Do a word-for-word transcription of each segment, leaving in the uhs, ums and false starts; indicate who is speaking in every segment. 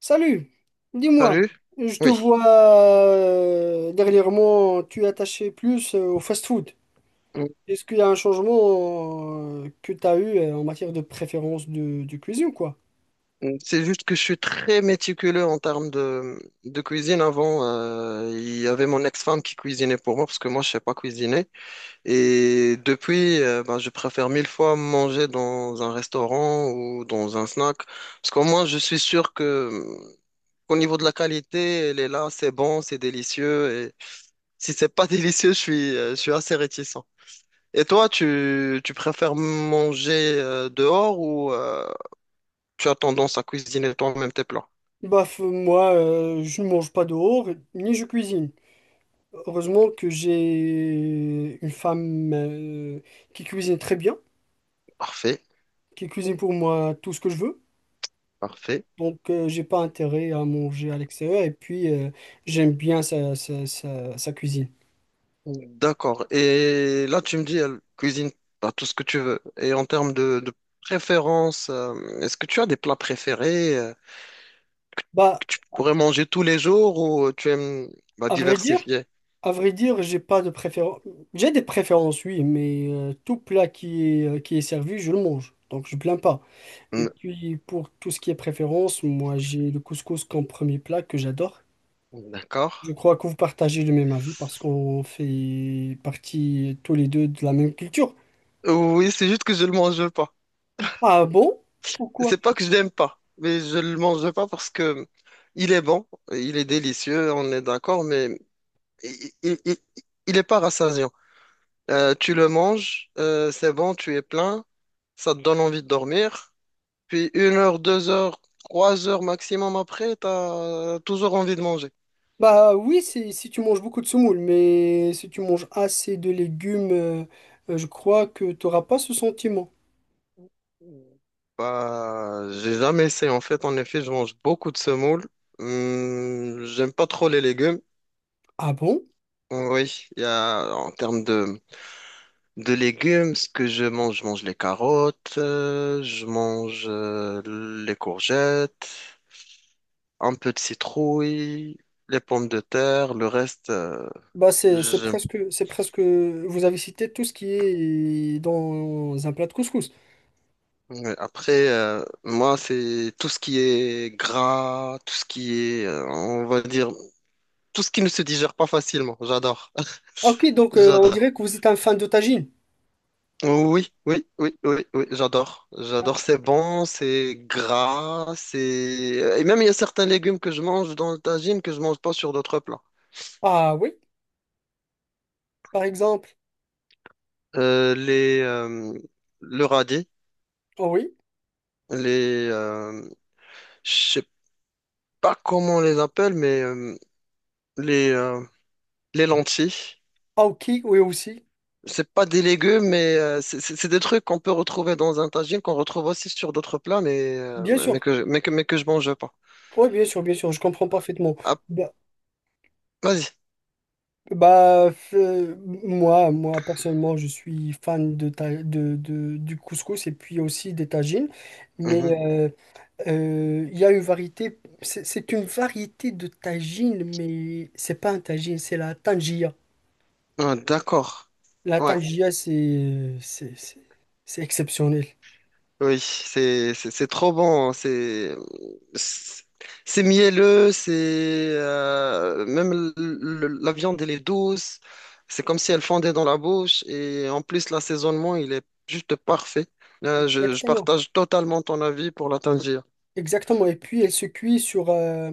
Speaker 1: Salut,
Speaker 2: T'as
Speaker 1: dis-moi,
Speaker 2: lu?
Speaker 1: je te
Speaker 2: Oui.
Speaker 1: vois euh, dernièrement, tu es attaché plus euh, au fast-food.
Speaker 2: Mm,
Speaker 1: Est-ce qu'il y a un changement euh, que tu as eu euh, en matière de préférence de, de cuisine, quoi?
Speaker 2: mm, C'est juste que je suis très méticuleux en termes de, de cuisine. Avant, euh, il y avait mon ex-femme qui cuisinait pour moi parce que moi, je sais pas cuisiner. Et depuis, euh, ben, je préfère mille fois manger dans un restaurant ou dans un snack. Parce qu'au moins, je suis sûr que, mm, qu'au niveau de la qualité, elle est là, c'est bon, c'est délicieux. Et si c'est pas délicieux, je suis, euh, je suis assez réticent. Et toi, tu, tu préfères manger euh, dehors ou... euh, tu as tendance à cuisiner toi-même tes plats.
Speaker 1: Bah, f- moi, euh, je ne mange pas dehors, ni je cuisine. Heureusement que j'ai une femme euh, qui cuisine très bien,
Speaker 2: Parfait,
Speaker 1: qui cuisine pour moi tout ce que je veux.
Speaker 2: parfait.
Speaker 1: Donc, euh, j'ai pas intérêt à manger à l'extérieur et puis euh, j'aime bien sa, sa sa- sa cuisine.
Speaker 2: D'accord. Et là, tu me dis, elle cuisine pas tout ce que tu veux. Et en termes de, de préférence, euh, est-ce que tu as des plats préférés euh,
Speaker 1: Bah,
Speaker 2: que tu pourrais manger tous les jours ou euh, tu aimes bah,
Speaker 1: à vrai dire,
Speaker 2: diversifier?
Speaker 1: à vrai dire, j'ai pas de préférence. J'ai des préférences, oui, mais euh, tout plat qui est, euh, qui est servi, je le mange. Donc je plains pas. Et
Speaker 2: Mm.
Speaker 1: puis pour tout ce qui est préférence, moi j'ai le couscous comme premier plat que j'adore.
Speaker 2: D'accord.
Speaker 1: Je crois que vous partagez le même avis parce qu'on fait partie tous les deux de la même culture.
Speaker 2: Oui, c'est juste que je le mange pas.
Speaker 1: Ah bon? Pourquoi?
Speaker 2: C'est pas que je l'aime pas, mais je le mange pas parce que il, est bon, il est délicieux, on est d'accord, mais il, il, il- il est pas rassasiant. Euh, tu le manges, euh, c'est bon, tu es plein, ça te donne envie de dormir, puis une heure, deux heures, trois heures maximum après, t'as toujours envie de manger.
Speaker 1: Bah oui, c'est si tu manges beaucoup de semoule, mais si tu manges assez de légumes, euh, euh, je crois que tu n'auras pas ce sentiment.
Speaker 2: Bah, j'ai jamais essayé en fait. En effet, je mange beaucoup de semoule. Hum, j'aime pas trop les légumes.
Speaker 1: Ah bon?
Speaker 2: Oui, il y a en termes de De légumes, ce que je mange, je mange les carottes, euh, je mange euh, les courgettes, un peu de citrouille, les pommes de terre, le reste, euh,
Speaker 1: Bah c'est c'est
Speaker 2: je...
Speaker 1: presque c'est presque vous avez cité tout ce qui est dans un plat de couscous.
Speaker 2: ouais. Après, euh, moi, c'est tout ce qui est gras, tout ce qui est, euh, on va dire, tout ce qui ne se digère pas facilement. J'adore,
Speaker 1: Ah, ok, donc euh, on
Speaker 2: j'adore.
Speaker 1: dirait que vous êtes un fan de tagine.
Speaker 2: Oui, oui, oui, oui, oui, j'adore. J'adore, c'est bon, c'est gras, c'est... Et même, il y a certains légumes que je mange dans le tagine que je mange pas sur d'autres plats.
Speaker 1: Ah oui, par exemple.
Speaker 2: Euh, les, euh, le radis,
Speaker 1: Ah oui.
Speaker 2: les... euh, je sais pas comment on les appelle, mais euh, les, euh, les lentilles.
Speaker 1: Ah ok, oui aussi.
Speaker 2: C'est pas des légumes, mais euh, c'est c'est- c'est des trucs qu'on peut retrouver dans un tagine, qu'on retrouve aussi sur d'autres plats, mais, euh,
Speaker 1: Bien
Speaker 2: mais,
Speaker 1: sûr.
Speaker 2: que, je- mais, que, mais que je mange pas.
Speaker 1: Oui, bien sûr, bien sûr, je comprends parfaitement.
Speaker 2: Ah,
Speaker 1: Bah,
Speaker 2: vas-y.
Speaker 1: bah, euh, moi, moi, personnellement, je suis fan de, ta- de, de- du couscous et puis aussi des tagines. Mais
Speaker 2: Mhm.
Speaker 1: euh, Euh, il y a une variété, c'est c'est une variété de tagine, mais c'est pas un tagine, c'est la tangia.
Speaker 2: Ah, d'accord.
Speaker 1: La
Speaker 2: Ouais.
Speaker 1: tangia, c'est c'est c'est- c'est exceptionnel.
Speaker 2: Oui, c'est c'est c'est trop bon. C'est c'est c'est mielleux. C'est, euh, même le- le- la viande, elle est douce. C'est comme si elle fondait dans la bouche. Et en plus l'assaisonnement il est juste parfait. Euh, je, je
Speaker 1: Exactement,
Speaker 2: partage totalement ton avis pour la tangia.
Speaker 1: exactement. Et puis elle se cuit sur euh,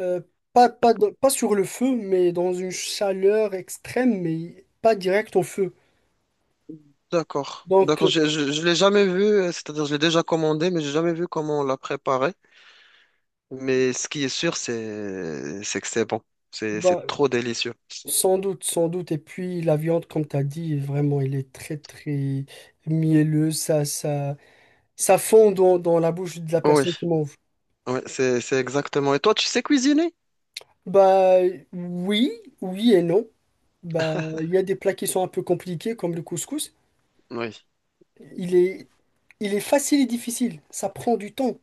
Speaker 1: euh, pas pas dans- pas sur le feu, mais dans une chaleur extrême, mais pas direct au feu.
Speaker 2: D'accord,
Speaker 1: Donc,
Speaker 2: d'accord.
Speaker 1: euh,
Speaker 2: Je je, je l'ai jamais vu. euh, C'est-à-dire je l'ai déjà commandé, mais j'ai jamais vu comment on la préparait. Mais ce qui est sûr c'est c'est que c'est bon. C'est
Speaker 1: bah,
Speaker 2: c'est trop délicieux.
Speaker 1: sans doute, sans doute. Et puis la viande, comme tu as dit, vraiment, elle est très très mielleuse. Ça ça Ça fond dans, dans la bouche de la
Speaker 2: Oui.
Speaker 1: personne qui mange.
Speaker 2: Oui, c'est, c'est exactement. Et toi, tu sais cuisiner?
Speaker 1: Bah oui, oui et non. Bah il y a des plats qui sont un peu compliqués comme le couscous.
Speaker 2: Oui.
Speaker 1: Il est, il est facile et difficile. Ça prend du temps.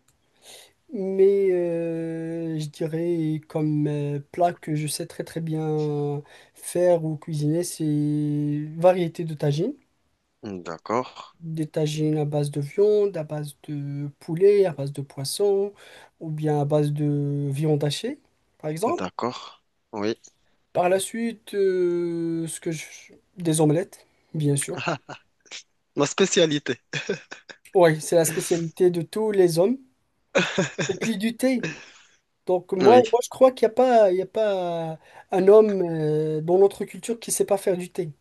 Speaker 1: Mais euh, je dirais comme euh, plat que je sais très très bien faire ou cuisiner, c'est variété de tagines.
Speaker 2: D'accord.
Speaker 1: Des tagines à base de viande, à base de poulet, à base de poisson, ou bien à base de viande hachée, par exemple.
Speaker 2: D'accord. Oui.
Speaker 1: Par la suite, euh, ce que je... des omelettes, bien sûr.
Speaker 2: Ma spécialité.
Speaker 1: Oui, c'est la spécialité de tous les hommes. Et puis du thé. Donc moi,
Speaker 2: Oui.
Speaker 1: moi je crois qu'il n'y a pas, il y a pas un homme euh, dans notre culture qui ne sait pas faire du thé.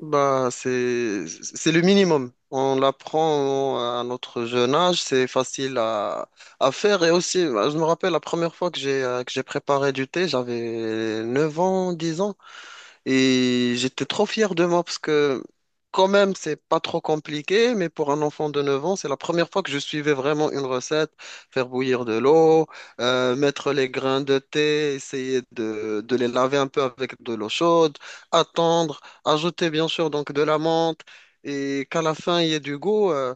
Speaker 2: Bah, c'est, c'est le minimum. On l'apprend à notre jeune âge, c'est facile à, à faire. Et aussi, bah, je me rappelle la première fois que j'ai euh, que j'ai préparé du thé, j'avais neuf ans, dix ans. Et j'étais trop fier de moi parce que quand même, c'est pas trop compliqué, mais pour un enfant de neuf ans, c'est la première fois que je suivais vraiment une recette, faire bouillir de l'eau, euh, mettre les grains de thé, essayer de, de les laver un peu avec de l'eau chaude, attendre, ajouter bien sûr donc de la menthe et qu'à la fin il y ait du goût. euh,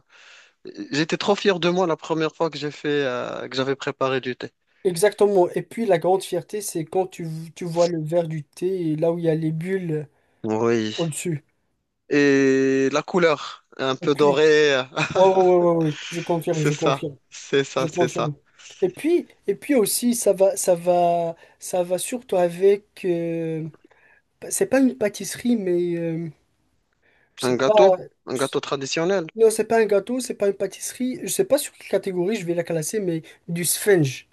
Speaker 2: j'étais trop fier de moi la première fois que j'ai fait, euh, que j'avais préparé du thé.
Speaker 1: Exactement. Et puis la grande fierté, c'est quand tu, tu vois le verre du thé et là où il y a les bulles
Speaker 2: Oui.
Speaker 1: au-dessus.
Speaker 2: Et la couleur, un
Speaker 1: Et
Speaker 2: peu
Speaker 1: puis,
Speaker 2: dorée.
Speaker 1: oui, oui, oui, oui, je confirme,
Speaker 2: C'est
Speaker 1: je
Speaker 2: ça,
Speaker 1: confirme,
Speaker 2: c'est
Speaker 1: je
Speaker 2: ça, c'est
Speaker 1: confirme.
Speaker 2: ça.
Speaker 1: Et puis, et puis aussi, ça va, ça va, ça va surtout avec... euh, c'est pas une pâtisserie, mais euh, je sais
Speaker 2: Un
Speaker 1: pas.
Speaker 2: gâteau, un
Speaker 1: je-
Speaker 2: gâteau traditionnel.
Speaker 1: Non, c'est pas un gâteau, c'est pas une pâtisserie. Je sais pas sur quelle catégorie je vais la classer, mais du sponge.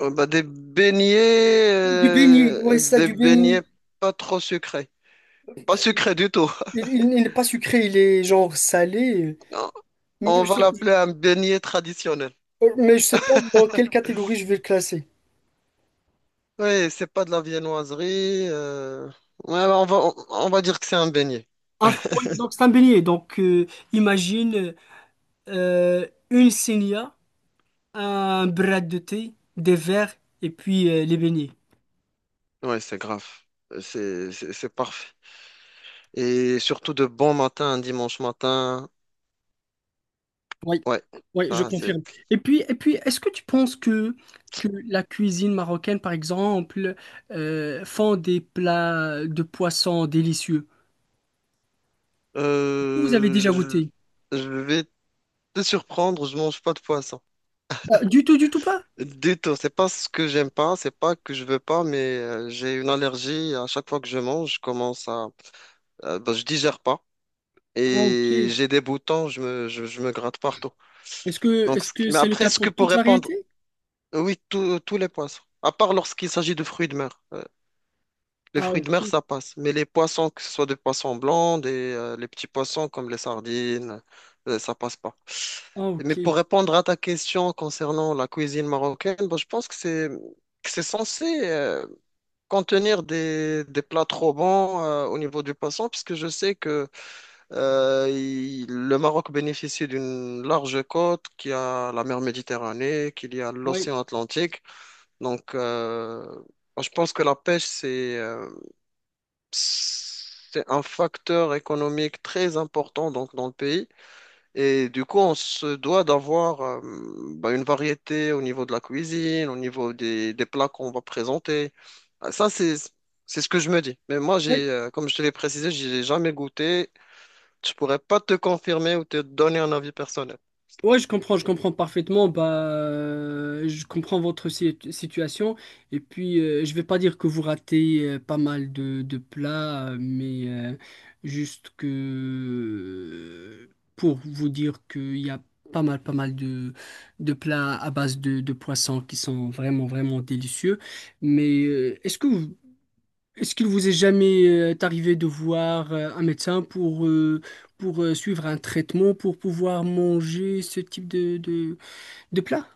Speaker 2: Euh, bah, des beignets,
Speaker 1: Du béni, ouais,
Speaker 2: euh,
Speaker 1: ça,
Speaker 2: des
Speaker 1: du
Speaker 2: beignets
Speaker 1: béni.
Speaker 2: pas trop sucrés. Pas sucrés du tout.
Speaker 1: Il, il- il n'est pas sucré, il est genre salé.
Speaker 2: Non,
Speaker 1: Mais
Speaker 2: on
Speaker 1: je
Speaker 2: va
Speaker 1: sais,
Speaker 2: l'appeler un beignet traditionnel.
Speaker 1: mais je sais pas dans quelle catégorie je vais le classer.
Speaker 2: Oui, c'est pas de la viennoiserie. Euh, ouais, bah, on va, on, on va dire que c'est un beignet.
Speaker 1: Un fruit, donc c'est un beignet. Donc euh, imagine euh, une sénia, un bras de thé, des verres et puis euh, les beignets.
Speaker 2: Oui, c'est grave. C'est, c'est, c'est parfait. Et surtout de bon matin, un dimanche matin.
Speaker 1: Oui,
Speaker 2: Ouais,
Speaker 1: oui, je
Speaker 2: ça c'est.
Speaker 1: confirme. Et puis, et puis, est-ce que tu penses que, que la cuisine marocaine, par exemple, euh, font des plats de poissons délicieux? Vous avez déjà
Speaker 2: Euh,
Speaker 1: goûté?
Speaker 2: je, je vais te surprendre, je mange pas de poisson.
Speaker 1: Ah, du tout, du tout pas?
Speaker 2: Du tout, c'est pas ce que j'aime pas, c'est pas que je veux pas, mais euh, j'ai une allergie. À chaque fois que je mange, je commence à, euh, ben, je digère pas
Speaker 1: Ah, ok.
Speaker 2: et j'ai des boutons, je me, je, je me gratte partout.
Speaker 1: Est-ce que,
Speaker 2: Donc,
Speaker 1: est-ce
Speaker 2: ce qui-
Speaker 1: que
Speaker 2: mais
Speaker 1: c'est le
Speaker 2: après,
Speaker 1: cas
Speaker 2: ce que
Speaker 1: pour
Speaker 2: pour
Speaker 1: toute
Speaker 2: répondre,
Speaker 1: variété?
Speaker 2: oui, tous tous les poissons, à part lorsqu'il s'agit de fruits de mer. euh, Les
Speaker 1: Ah,
Speaker 2: fruits de mer,
Speaker 1: ok.
Speaker 2: ça passe. Mais les poissons, que ce soit des poissons blancs, des, euh, les petits poissons comme les sardines, euh, ça passe pas.
Speaker 1: Ah,
Speaker 2: Mais
Speaker 1: ok.
Speaker 2: pour répondre à ta question concernant la cuisine marocaine, bon, je pense que c'est que c'est censé euh, contenir des, des plats trop bons euh, au niveau du poisson, puisque je sais que euh, il- le Maroc bénéficie d'une large côte, qui a la mer Méditerranée, qu'il y a
Speaker 1: Oui.
Speaker 2: l'océan Atlantique. Donc, euh, moi, je pense que la pêche, c'est euh, c'est un facteur économique très important donc dans le pays et du coup on se doit d'avoir euh, bah, une variété au niveau de la cuisine, au niveau des, des plats qu'on va présenter. Ah, ça c'est c'est ce que je me dis. Mais moi
Speaker 1: Oui,
Speaker 2: j'ai euh, comme je te l'ai précisé, j'ai jamais goûté. Je pourrais pas te confirmer ou te donner un avis personnel.
Speaker 1: ouais, je comprends, je comprends parfaitement. Bah, euh, je comprends votre si- situation. Et puis, euh, je vais pas dire que vous ratez euh, pas mal de, de plats, euh, mais euh, juste que euh, pour vous dire qu'il y a pas mal, pas mal de, de plats à base de, de poissons qui sont vraiment, vraiment délicieux. Mais euh, est-ce que vous, est-ce qu'il vous est jamais euh, arrivé de voir euh, un médecin pour, euh, pour euh, suivre un traitement, pour pouvoir manger ce type de, de, de plat?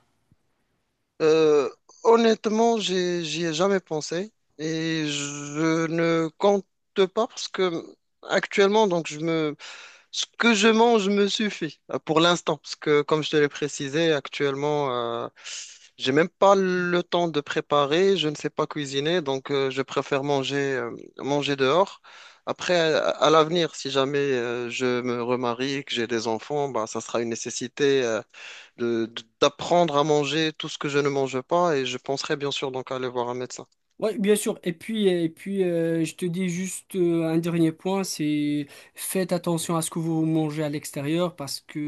Speaker 2: Euh, honnêtement, j'ai j'y ai jamais pensé et je ne compte pas parce que actuellement donc je me ce que je mange me suffit euh, pour l'instant, parce que comme je te l'ai précisé, actuellement, euh, j'ai même pas le temps de préparer, je ne sais pas cuisiner, donc euh, je préfère manger, euh, manger dehors. Après, à, à l'avenir, si jamais euh, je me remarie, que j'ai des enfants, bah, ça sera une nécessité euh, de, de- d'apprendre à manger tout ce que je ne mange pas, et je penserai bien sûr donc à aller voir un médecin.
Speaker 1: Oui, bien sûr. Et puis, euh, et puis euh, je te dis juste euh, un dernier point, c'est faites attention à ce que vous mangez à l'extérieur parce que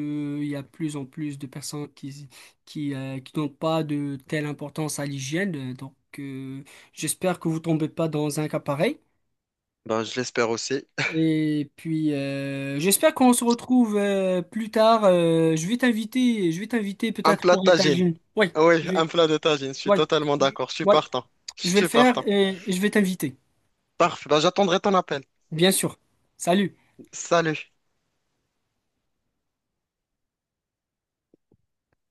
Speaker 1: euh, il y a de plus en plus de personnes qui, qui, euh, qui n'ont pas de telle importance à l'hygiène. Donc, euh, j'espère que vous tombez pas dans un cas pareil.
Speaker 2: Bah, je l'espère aussi.
Speaker 1: Et puis, euh, j'espère qu'on se retrouve euh, plus tard. Euh, je vais t'inviter, je vais t'inviter
Speaker 2: Un
Speaker 1: peut-être
Speaker 2: plat
Speaker 1: pour
Speaker 2: de
Speaker 1: un
Speaker 2: tagine.
Speaker 1: tagine. Oui,
Speaker 2: Oui,
Speaker 1: je vais,
Speaker 2: un plat de tagine, je suis
Speaker 1: ouais,
Speaker 2: totalement
Speaker 1: je-
Speaker 2: d'accord, je suis
Speaker 1: ouais,
Speaker 2: partant. Je
Speaker 1: je vais le
Speaker 2: suis
Speaker 1: faire
Speaker 2: partant.
Speaker 1: et je vais t'inviter,
Speaker 2: Parfait, ben, j'attendrai ton appel.
Speaker 1: bien sûr. Salut.
Speaker 2: Salut.